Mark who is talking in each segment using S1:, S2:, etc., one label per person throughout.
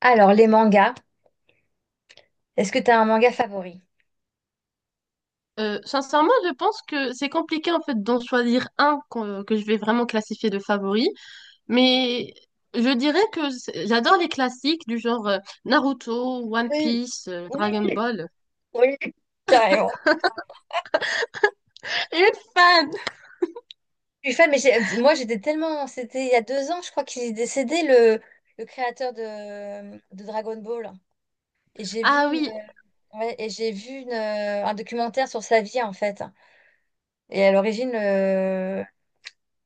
S1: Alors, les mangas, est-ce que tu as un manga favori?
S2: Sincèrement, je pense que c'est compliqué en fait d'en choisir un que, je vais vraiment classifier de favori, mais je dirais que j'adore les classiques du genre Naruto, One Piece, Dragon Ball.
S1: Oui, carrément.
S2: Une fan!
S1: Je suis fan, mais moi j'étais tellement. C'était il y a 2 ans, je crois qu'il est décédé, le créateur de Dragon Ball. Et j'ai vu
S2: Ah oui,
S1: ouais, et j'ai vu un documentaire sur sa vie, en fait. Et à l'origine,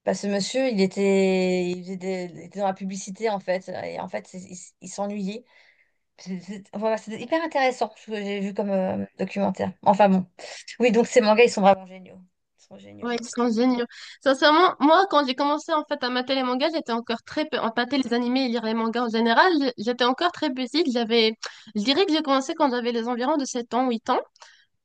S1: bah, ce monsieur, il était, il faisait des- il était dans la publicité, en fait. Et en fait, il s'ennuyait. Voilà, c'était hyper intéressant ce que j'ai vu comme documentaire. Enfin bon. Oui, donc ces mangas, ils sont vraiment géniaux. Ils sont géniaux.
S2: ouais, ils sont géniaux. Sincèrement, moi, quand j'ai commencé en fait à mater les mangas, j'étais encore très peu, à mater les animés et lire les mangas en général, j'étais encore très petite. J'avais, je dirais que j'ai commencé quand j'avais les environs de 7 ans, 8 ans.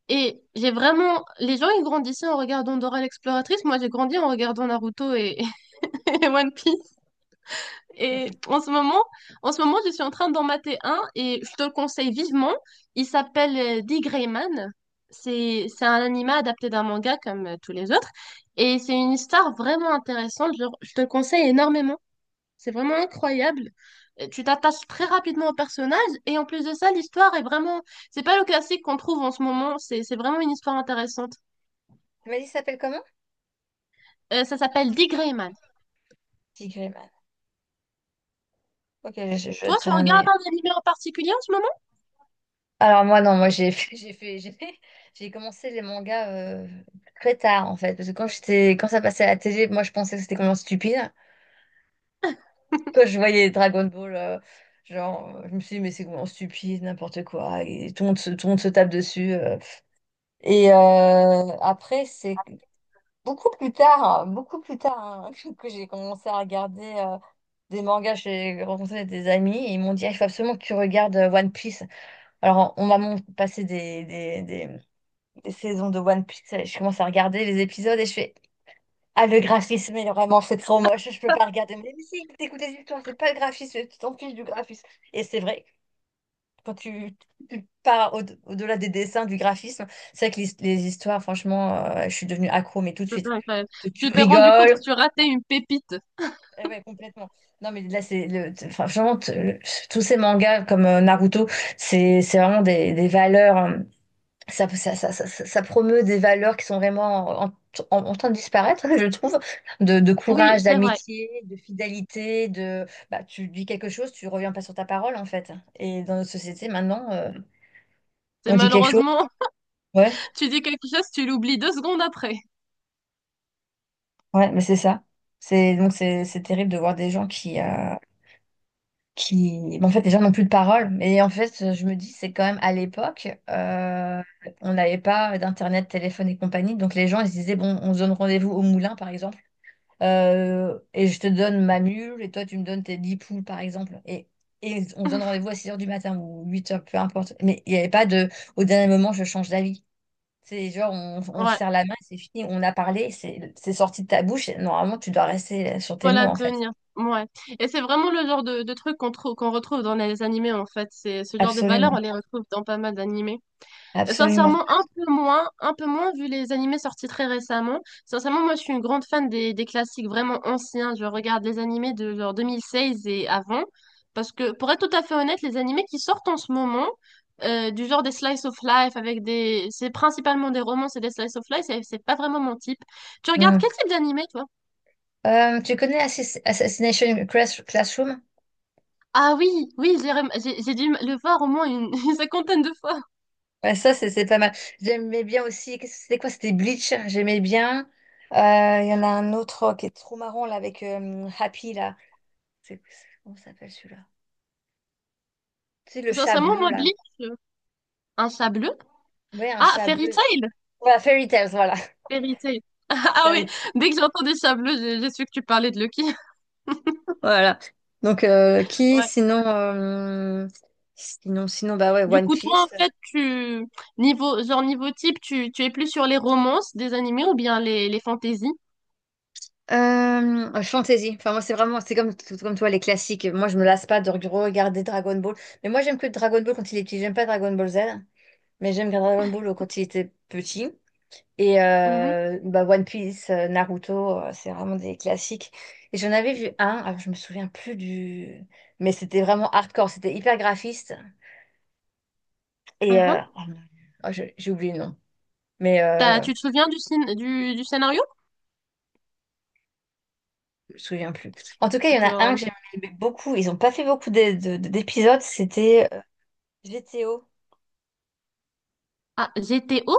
S2: Et j'ai vraiment. Les gens, ils grandissaient en regardant Dora l'exploratrice. Moi, j'ai grandi en regardant Naruto et One Piece.
S1: Donc,
S2: Et en ce moment, en ce moment, je suis en train d'en mater un et je te le conseille vivement. Il s'appelle The Gray Man. C'est un anime adapté d'un manga comme tous les autres. Et c'est une histoire vraiment intéressante. Je te le conseille énormément. C'est vraiment incroyable. Tu t'attaches très rapidement au personnage et en plus de ça, l'histoire est vraiment. C'est pas le classique qu'on trouve en ce moment. C'est vraiment une histoire intéressante.
S1: tu m'as dit, ça s'appelle comment?
S2: Ça s'appelle Dick Grayman.
S1: Tigreman. Ok, je
S2: Toi, tu
S1: jetterai un
S2: regardes
S1: œil.
S2: un animé en particulier en ce moment?
S1: Alors moi, non, moi j'ai commencé les mangas très tard en fait. Parce que quand ça passait à la télé, moi je pensais que c'était complètement stupide. Quand je voyais Dragon Ball, je me suis dit, mais c'est complètement stupide, n'importe quoi. Et tout le monde se tape dessus. Et après, c'est beaucoup plus tard, hein, beaucoup plus tard hein, que j'ai commencé à regarder des mangas. J'ai rencontré des amis et ils m'ont dit, ah, il faut absolument que tu regardes One Piece. Alors, passé des saisons de One Piece, et je commence à regarder les épisodes et je fais, ah, le graphisme, il est vraiment, c'est trop moche, je peux pas regarder. Mais si, t'écoutes des histoires, c'est pas le graphisme, tu t'en fiches du graphisme. Et c'est vrai. Quand tu, tu pars au-delà des dessins, du graphisme, c'est vrai que les histoires, franchement, je suis devenue accro, mais tout de
S2: C'est
S1: suite.
S2: incroyable.
S1: Tu
S2: Tu t'es rendu compte que
S1: rigoles,
S2: tu ratais une pépite.
S1: eh ouais, complètement. Non, mais là, enfin, franchement, tous ces mangas comme Naruto, c'est vraiment des valeurs. Ça promeut des valeurs qui sont vraiment en train de disparaître, je trouve, de
S2: Oui,
S1: courage,
S2: c'est vrai.
S1: d'amitié, de fidélité, de bah, tu dis quelque chose, tu reviens pas sur ta parole, en fait. Et dans notre société, maintenant,
S2: C'est
S1: on dit quelque chose,
S2: malheureusement,
S1: ouais,
S2: tu dis quelque chose, tu l'oublies 2 secondes après.
S1: ouais, mais c'est ça. C'est donc c'est terrible de voir des gens qui... bon, en fait, déjà, n'ont plus de parole. Mais en fait, je me dis, c'est quand même à l'époque, on n'avait pas d'internet, téléphone et compagnie. Donc, les gens, ils se disaient, bon, on se donne rendez-vous au moulin, par exemple, et je te donne ma mule, et toi, tu me donnes tes 10 poules, par exemple. Et on se donne rendez-vous à 6 heures du matin ou 8 heures, peu importe. Mais il n'y avait pas de, au dernier moment, je change d'avis. C'est genre, on se
S2: Ouais,
S1: serre la main, c'est fini, on a parlé, c'est sorti de ta bouche, et normalement, tu dois rester sur tes mots,
S2: voilà,
S1: en fait.
S2: tenir. Ouais. Et c'est vraiment le genre de truc qu'on retrouve dans les animés, en fait. C'est ce genre de valeurs, on
S1: Absolument,
S2: les retrouve dans pas mal d'animés.
S1: absolument.
S2: Sincèrement, un peu moins vu les animés sortis très récemment. Sincèrement, moi, je suis une grande fan des classiques vraiment anciens. Je regarde les animés de genre 2016 et avant. Parce que, pour être tout à fait honnête, les animés qui sortent en ce moment, du genre des slice of life avec des, c'est principalement des romances et des slice of life, c'est pas vraiment mon type. Tu regardes quel
S1: Mmh.
S2: type d'animé, toi?
S1: Tu connais Classroom?
S2: Ah oui, oui, j'ai rem- j'ai dû le voir au moins une cinquantaine de fois.
S1: Ouais, ça, c'est pas mal. J'aimais bien aussi. Qu'est-ce que C'était quoi? C'était Bleach. J'aimais bien. Euh, Il y en a un autre oh, qui est trop marrant là avec Happy là. Comment ça s'appelle celui-là? C'est le chat
S2: Sincèrement,
S1: bleu
S2: moi,
S1: là.
S2: Bleach, euh, un chat bleu.
S1: Ouais, un
S2: Ah,
S1: chat
S2: Fairy
S1: bleu.
S2: Tail.
S1: Voilà, Fairy Tales, voilà.
S2: Vérité. Ah oui,
S1: Fairy Tales.
S2: dès que j'ai entendu Chablis, j'ai su que tu parlais de Lucky.
S1: Voilà. Donc,
S2: Ouais.
S1: sinon, bah ouais,
S2: Du
S1: One
S2: coup, toi,
S1: Piece.
S2: en fait, tu niveau genre niveau type, tu es plus sur les romances des animés ou bien les fantaisies?
S1: Fantasy. Enfin, moi, c'est vraiment, c'est comme, tout comme toi, les classiques. Moi, je me lasse pas de regarder Dragon Ball. Mais moi, j'aime que Dragon Ball quand il est petit. J'aime pas Dragon Ball Z, mais j'aime Dragon Ball quand il était petit. Et
S2: Mhm.
S1: bah, One Piece, Naruto, c'est vraiment des classiques. Et j'en avais vu un, alors je me souviens plus du. Mais c'était vraiment hardcore, c'était hyper graphiste. Et
S2: Mhm.
S1: oh mon Dieu. Oh, j'ai oublié le nom, mais
S2: Tu te souviens du scénario?
S1: je me souviens plus. En tout cas, il y en a un
S2: Genre.
S1: que j'aimais beaucoup. Ils ont pas fait beaucoup d'épisodes. C'était GTO.
S2: Ah, GTO?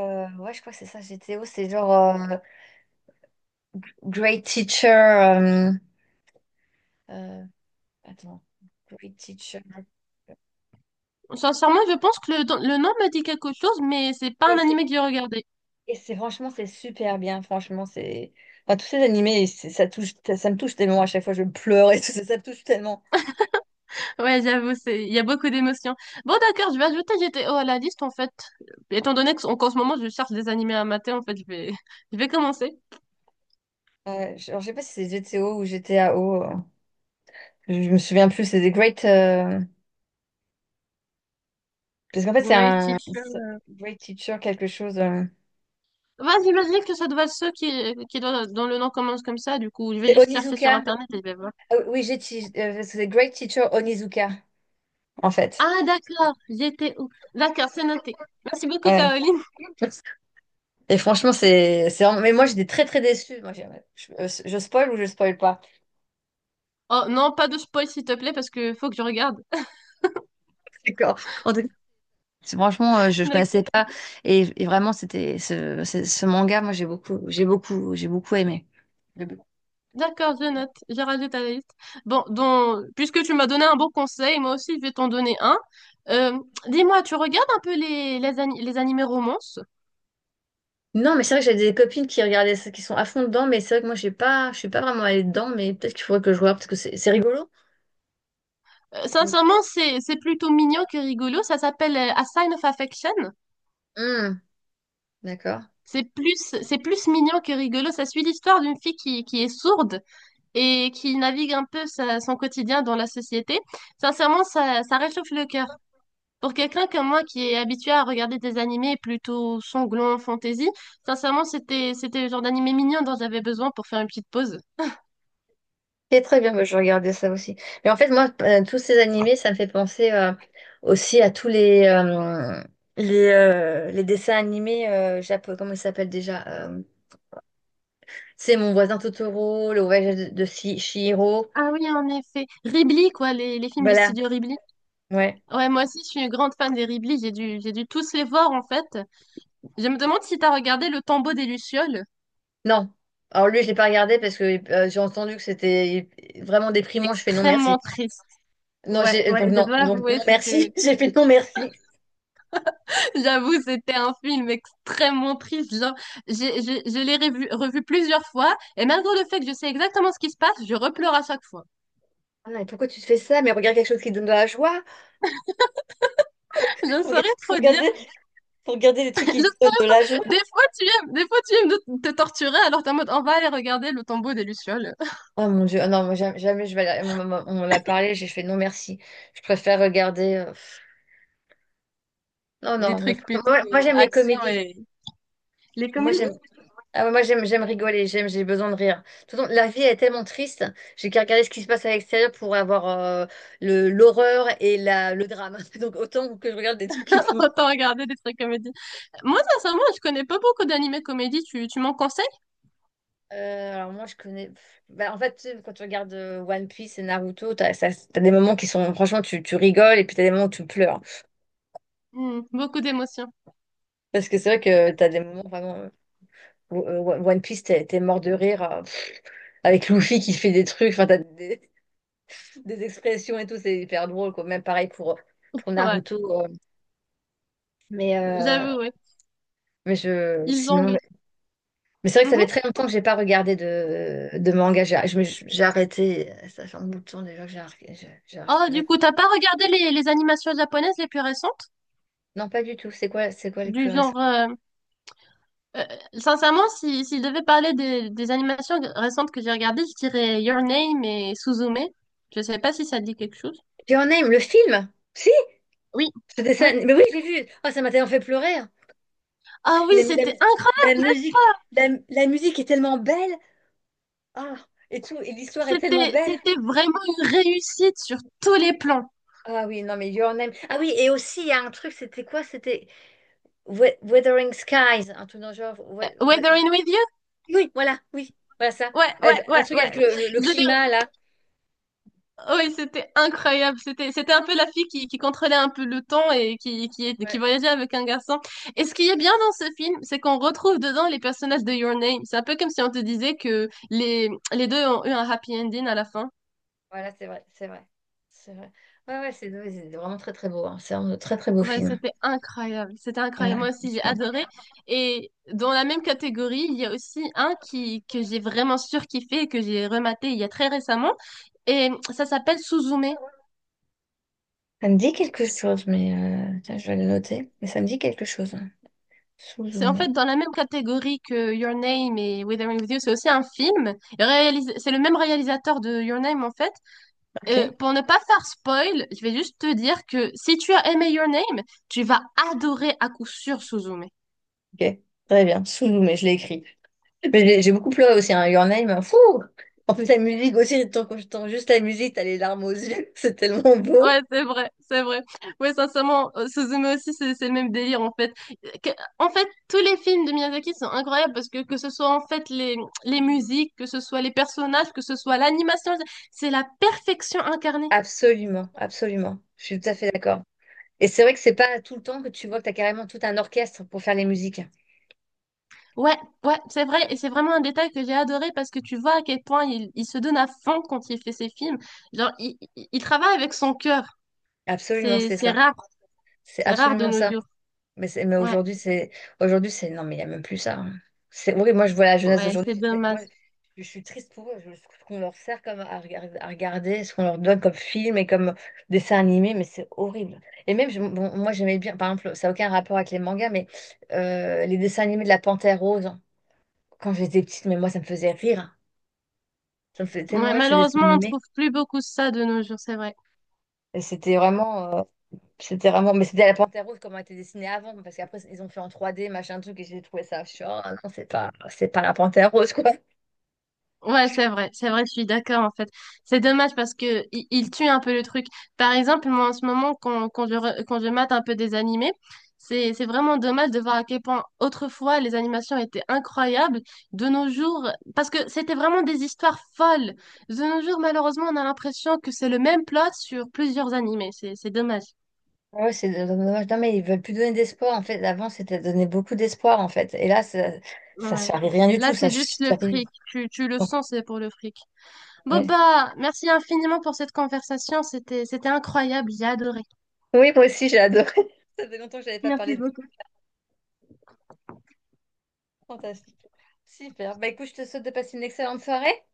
S1: Ouais, je crois que c'est ça, GTO. C'est genre Great Teacher. Euh, attends, Great Teacher.
S2: Sincèrement, je pense que le nom me dit quelque chose, mais c'est pas
S1: Et
S2: un
S1: c'est
S2: animé que j'ai regardé.
S1: franchement, c'est super bien. Franchement, c'est. Enfin, tous ces animés, ça touche, ça me touche tellement. À chaque fois, je pleure et tout ça, ça me touche tellement.
S2: Ouais, j'avoue, c'est, il y a beaucoup d'émotions. Bon, d'accord, je vais ajouter GTO à la liste, en fait. Étant donné qu'en ce moment, je cherche des animés à mater, en fait, je vais commencer.
S1: Alors, je sais pas si c'est GTO ou GTAO. Je me souviens plus. C'est des Great. Parce qu'en fait,
S2: Great teacher.
S1: c'est Great Teacher quelque chose.
S2: Y j'imagine que ça doit être ceux dont le nom commence comme ça. Du coup, je vais
S1: C'est
S2: juste chercher sur
S1: Onizuka.
S2: Internet et je vais voir.
S1: Ah oui, c'est Great Teacher Onizuka, en fait.
S2: Ah, d'accord. J'étais où? D'accord, c'est noté. Merci beaucoup,
S1: Ouais.
S2: Caroline.
S1: Et franchement, c'est vraiment... Mais moi, j'étais très, très déçue. Je spoil ou je spoil pas?
S2: Oh, non, pas de spoil, s'il te plaît, parce que faut que je regarde.
S1: D'accord. En tout cas, franchement, ne connaissais
S2: D'accord,
S1: pas. Et vraiment, c'était ce manga, moi, j'ai beaucoup aimé. J'ai beaucoup-
S2: d'accord, je note. Je rajoute à la liste. Bon, donc, puisque tu m'as donné un bon conseil, moi aussi, je vais t'en donner un. Euh, Dis-moi, tu regardes un peu les, les animés romances?
S1: Non, mais c'est vrai que j'ai des copines qui regardaient ça, qui sont à fond dedans, mais c'est vrai que moi, j'ai pas, je suis pas vraiment allée dedans, mais peut-être qu'il faudrait que je regarde parce que c'est rigolo. Mm.
S2: Sincèrement, c'est plutôt mignon que rigolo. Ça s'appelle A Sign of Affection.
S1: Mm. D'accord.
S2: C'est plus, c'est plus mignon que rigolo. Ça suit l'histoire d'une fille qui est sourde et qui navigue un peu son quotidien dans la société. Sincèrement, ça réchauffe le cœur. Pour quelqu'un comme moi qui est habitué à regarder des animés plutôt sanglants, fantasy, sincèrement, c'était le genre d'animé mignon dont j'avais besoin pour faire une petite pause.
S1: C'est très bien, bah, je regardais ça aussi. Mais en fait, moi, tous ces animés, ça me fait penser aussi à tous les dessins animés japonais, comment ils s'appellent déjà? C'est Mon voisin Totoro, Le voyage de Chihiro.
S2: Ah oui, en effet. Ghibli, quoi, les films du
S1: Voilà,
S2: studio Ghibli.
S1: ouais.
S2: Ouais, moi aussi, je suis une grande fan des Ghibli. J'ai dû tous les voir, en fait. Je me demande si t'as regardé Le Tombeau des Lucioles.
S1: Non. Alors lui, je l'ai pas regardé parce que j'ai entendu que c'était vraiment déprimant. Je fais non merci.
S2: Extrêmement triste.
S1: Non,
S2: Ouais,
S1: j'ai
S2: ouais, je dois
S1: donc
S2: avouer,
S1: non merci. J'ai fait non merci.
S2: j'avoue, c'était un film extrêmement triste. Genre, je l'ai revu plusieurs fois, et malgré le fait que je sais exactement ce qui se passe, je repleure à chaque fois.
S1: Ah non, mais pourquoi tu te fais ça? Mais regarde quelque chose qui te donne de la joie.
S2: Je ne
S1: Faut regarder,
S2: saurais
S1: faut
S2: trop dire.
S1: regarder faut regarder des trucs
S2: Je
S1: qui te donnent de
S2: saurais-
S1: la joie.
S2: Des fois, tu aimes, des fois, tu aimes te torturer, alors t'es en mode, on va aller regarder le tombeau des Lucioles.
S1: Oh mon Dieu, ah non, moi, jamais, jamais je vais aller- on l'a parlé, j'ai fait non merci. Je préfère regarder. Non,
S2: Des
S1: non.
S2: trucs plutôt
S1: Moi, moi, j'aime les
S2: action
S1: comédies.
S2: et les
S1: Moi
S2: comédies.
S1: j'aime ah ouais, moi j'aime j'aime rigoler, j'aime j'ai besoin de rire. De toute façon, la vie est tellement triste, j'ai qu'à regarder ce qui se passe à l'extérieur pour avoir le l'horreur et la, le drame. Donc autant que je regarde des trucs qui me font.
S2: Autant regarder des trucs comédies. Moi, sincèrement, je connais pas beaucoup d'animés comédies. Tu m'en conseilles?
S1: Alors moi je connais. Bah, en fait, tu sais, quand tu regardes One Piece et Naruto, t'as des moments qui sont franchement tu rigoles et puis t'as des moments où tu pleures.
S2: Hmm, beaucoup d'émotions.
S1: Parce que c'est vrai que t'as des moments vraiment. One Piece, t'es mort de rire avec Luffy qui fait des trucs, enfin, des expressions et tout, c'est hyper drôle, quoi. Même pareil pour
S2: Ouais,
S1: Naruto. Mais, euh,
S2: j'avoue, ouais. Ils
S1: sinon,
S2: jonglent.
S1: mais c'est vrai que ça fait
S2: Mhm.
S1: très longtemps que j'ai pas regardé de manga. J'ai arrêté, ça fait un bout de temps déjà que j'ai
S2: Oh, du
S1: arrêté.
S2: coup, t'as pas regardé les animations japonaises les plus récentes?
S1: Non, pas du tout. C'est quoi les
S2: Du
S1: plus récents?
S2: genre, euh, sincèrement, si je devais parler des animations récentes que j'ai regardées, je dirais Your Name et Suzume. Je sais pas si ça te dit quelque chose.
S1: Your Name, le film? Si,
S2: Oui,
S1: ce dessin.
S2: oui.
S1: Mais oui, j'ai vu. Oh, ça m'a tellement fait pleurer, hein.
S2: Ah oui,
S1: Les- la,
S2: c'était
S1: la
S2: incroyable.
S1: musique, la musique est tellement belle. Ah, et tout, et l'histoire est tellement
S2: C'était,
S1: belle.
S2: c'était vraiment une réussite sur tous les plans.
S1: Ah oui, non, mais Your Name. Ah oui, et aussi, il y a un truc, c'était quoi? C'était Wuthering Skies, un truc dans le genre. We- We-
S2: Weathering with You?
S1: Oui, voilà, oui, voilà ça.
S2: Ouais, ouais,
S1: Avec- un
S2: ouais,
S1: truc
S2: ouais.
S1: avec le
S2: Je l'ai,
S1: climat, là.
S2: Oui, c'était incroyable. C'était un peu la fille qui contrôlait un peu le temps et qui
S1: Ouais,
S2: voyageait avec un garçon. Et ce qui est bien dans ce film, c'est qu'on retrouve dedans les personnages de Your Name. C'est un peu comme si on te disait que les deux ont eu un happy ending à la fin.
S1: voilà, c'est vrai, c'est vrai. C'est vrai. Ouais, ouais, c'est vraiment très, très beau, hein. C'est un très, très beau
S2: Ouais,
S1: film.
S2: c'était incroyable. C'était
S1: Voilà,
S2: incroyable. Moi aussi,
S1: je
S2: j'ai
S1: pense.
S2: adoré. Et dans la même catégorie, il y a aussi un que j'ai vraiment surkiffé et que j'ai rematé il y a très récemment. Et ça s'appelle Suzume.
S1: Ça me dit quelque chose, mais tiens, je vais le noter. Mais ça me dit quelque chose. Sous
S2: C'est en
S1: zoomé.
S2: fait dans la même catégorie que Your Name et Withering With You, c'est aussi un film. C'est le même réalisateur de Your Name en fait.
S1: Ok,
S2: Pour ne pas faire spoil, je vais juste te dire que si tu as aimé Your Name, tu vas adorer à coup sûr Suzume.
S1: ok. Très bien. Sous zoomé, je l'ai écrit. Mais j'ai beaucoup pleuré aussi, hein. Your Name, fou! En plus, la musique aussi, tant que j'entends juste la musique, t'as les larmes aux yeux, c'est tellement beau.
S2: Ouais, c'est vrai, c'est vrai. Ouais, sincèrement, Suzume aussi, c'est le même délire en fait. Euh, que- En fait, tous les films de Miyazaki sont incroyables parce que ce soit en fait les musiques, que ce soit les personnages, que ce soit l'animation, c'est la perfection incarnée.
S1: Absolument, absolument. Je suis tout à fait d'accord. Et c'est vrai que c'est pas tout le temps que tu vois que t'as carrément tout un orchestre pour faire les musiques.
S2: Ouais, ouais, c'est vrai, et c'est vraiment un détail que j'ai adoré parce que tu vois à quel point il se donne à fond quand il fait ses films. Genre, il travaille avec son cœur.
S1: Absolument,
S2: C'est,
S1: c'est
S2: c'est
S1: ça.
S2: rare,
S1: C'est
S2: c'est rare de
S1: absolument
S2: nos
S1: ça.
S2: jours.
S1: Mais
S2: Ouais,
S1: aujourd'hui, aujourd'hui, c'est, non, mais il n'y a même plus ça, hein. C'est horrible. Moi, je vois la jeunesse
S2: ouais,
S1: d'aujourd'hui.
S2: c'est dommage.
S1: Je suis triste pour eux. Ce qu'on leur sert comme à regarder, ce qu'on leur donne comme film et comme dessin animé, mais c'est horrible. Et même, bon, moi, j'aimais bien, par exemple, ça n'a aucun rapport avec les mangas, mais les dessins animés de la Panthère Rose, hein, quand j'étais petite, mais moi, ça me faisait rire, hein. Ça me faisait tellement
S2: Ouais,
S1: rire, ces dessins
S2: malheureusement, on
S1: animés.
S2: trouve plus beaucoup ça de nos jours, c'est vrai.
S1: Et c'était vraiment. C'était vraiment, mais c'était la Panthère Rose comme elle était dessinée avant, parce qu'après ils ont fait en 3D, machin truc, et j'ai trouvé ça. Je suis, oh non, c'est pas la Panthère Rose, quoi.
S2: Ouais, c'est vrai, je suis d'accord en fait. C'est dommage parce que il tue un peu le truc. Par exemple, moi en ce moment, quand je mate un peu des animés, c'est vraiment dommage de voir à quel point autrefois les animations étaient incroyables. De nos jours, parce que c'était vraiment des histoires folles. De nos jours, malheureusement, on a l'impression que c'est le même plot sur plusieurs animés. C'est dommage.
S1: Ouais, c'est dommage. Non, mais ils veulent plus donner d'espoir. En fait, avant, c'était donner beaucoup d'espoir, en fait. Et là, ça
S2: Ouais.
S1: charrie rien du
S2: Là,
S1: tout. Ça
S2: c'est juste le
S1: charrie.
S2: fric. Tu le sens, c'est pour le fric.
S1: Oui,
S2: Boba, merci infiniment pour cette conversation. C'était incroyable. J'ai adoré.
S1: oui, moi aussi, j'ai adoré. Ça fait longtemps que je n'avais pas
S2: Merci
S1: parlé de
S2: beaucoup.
S1: fantastique. Super. Bah écoute, je te souhaite de passer une excellente soirée.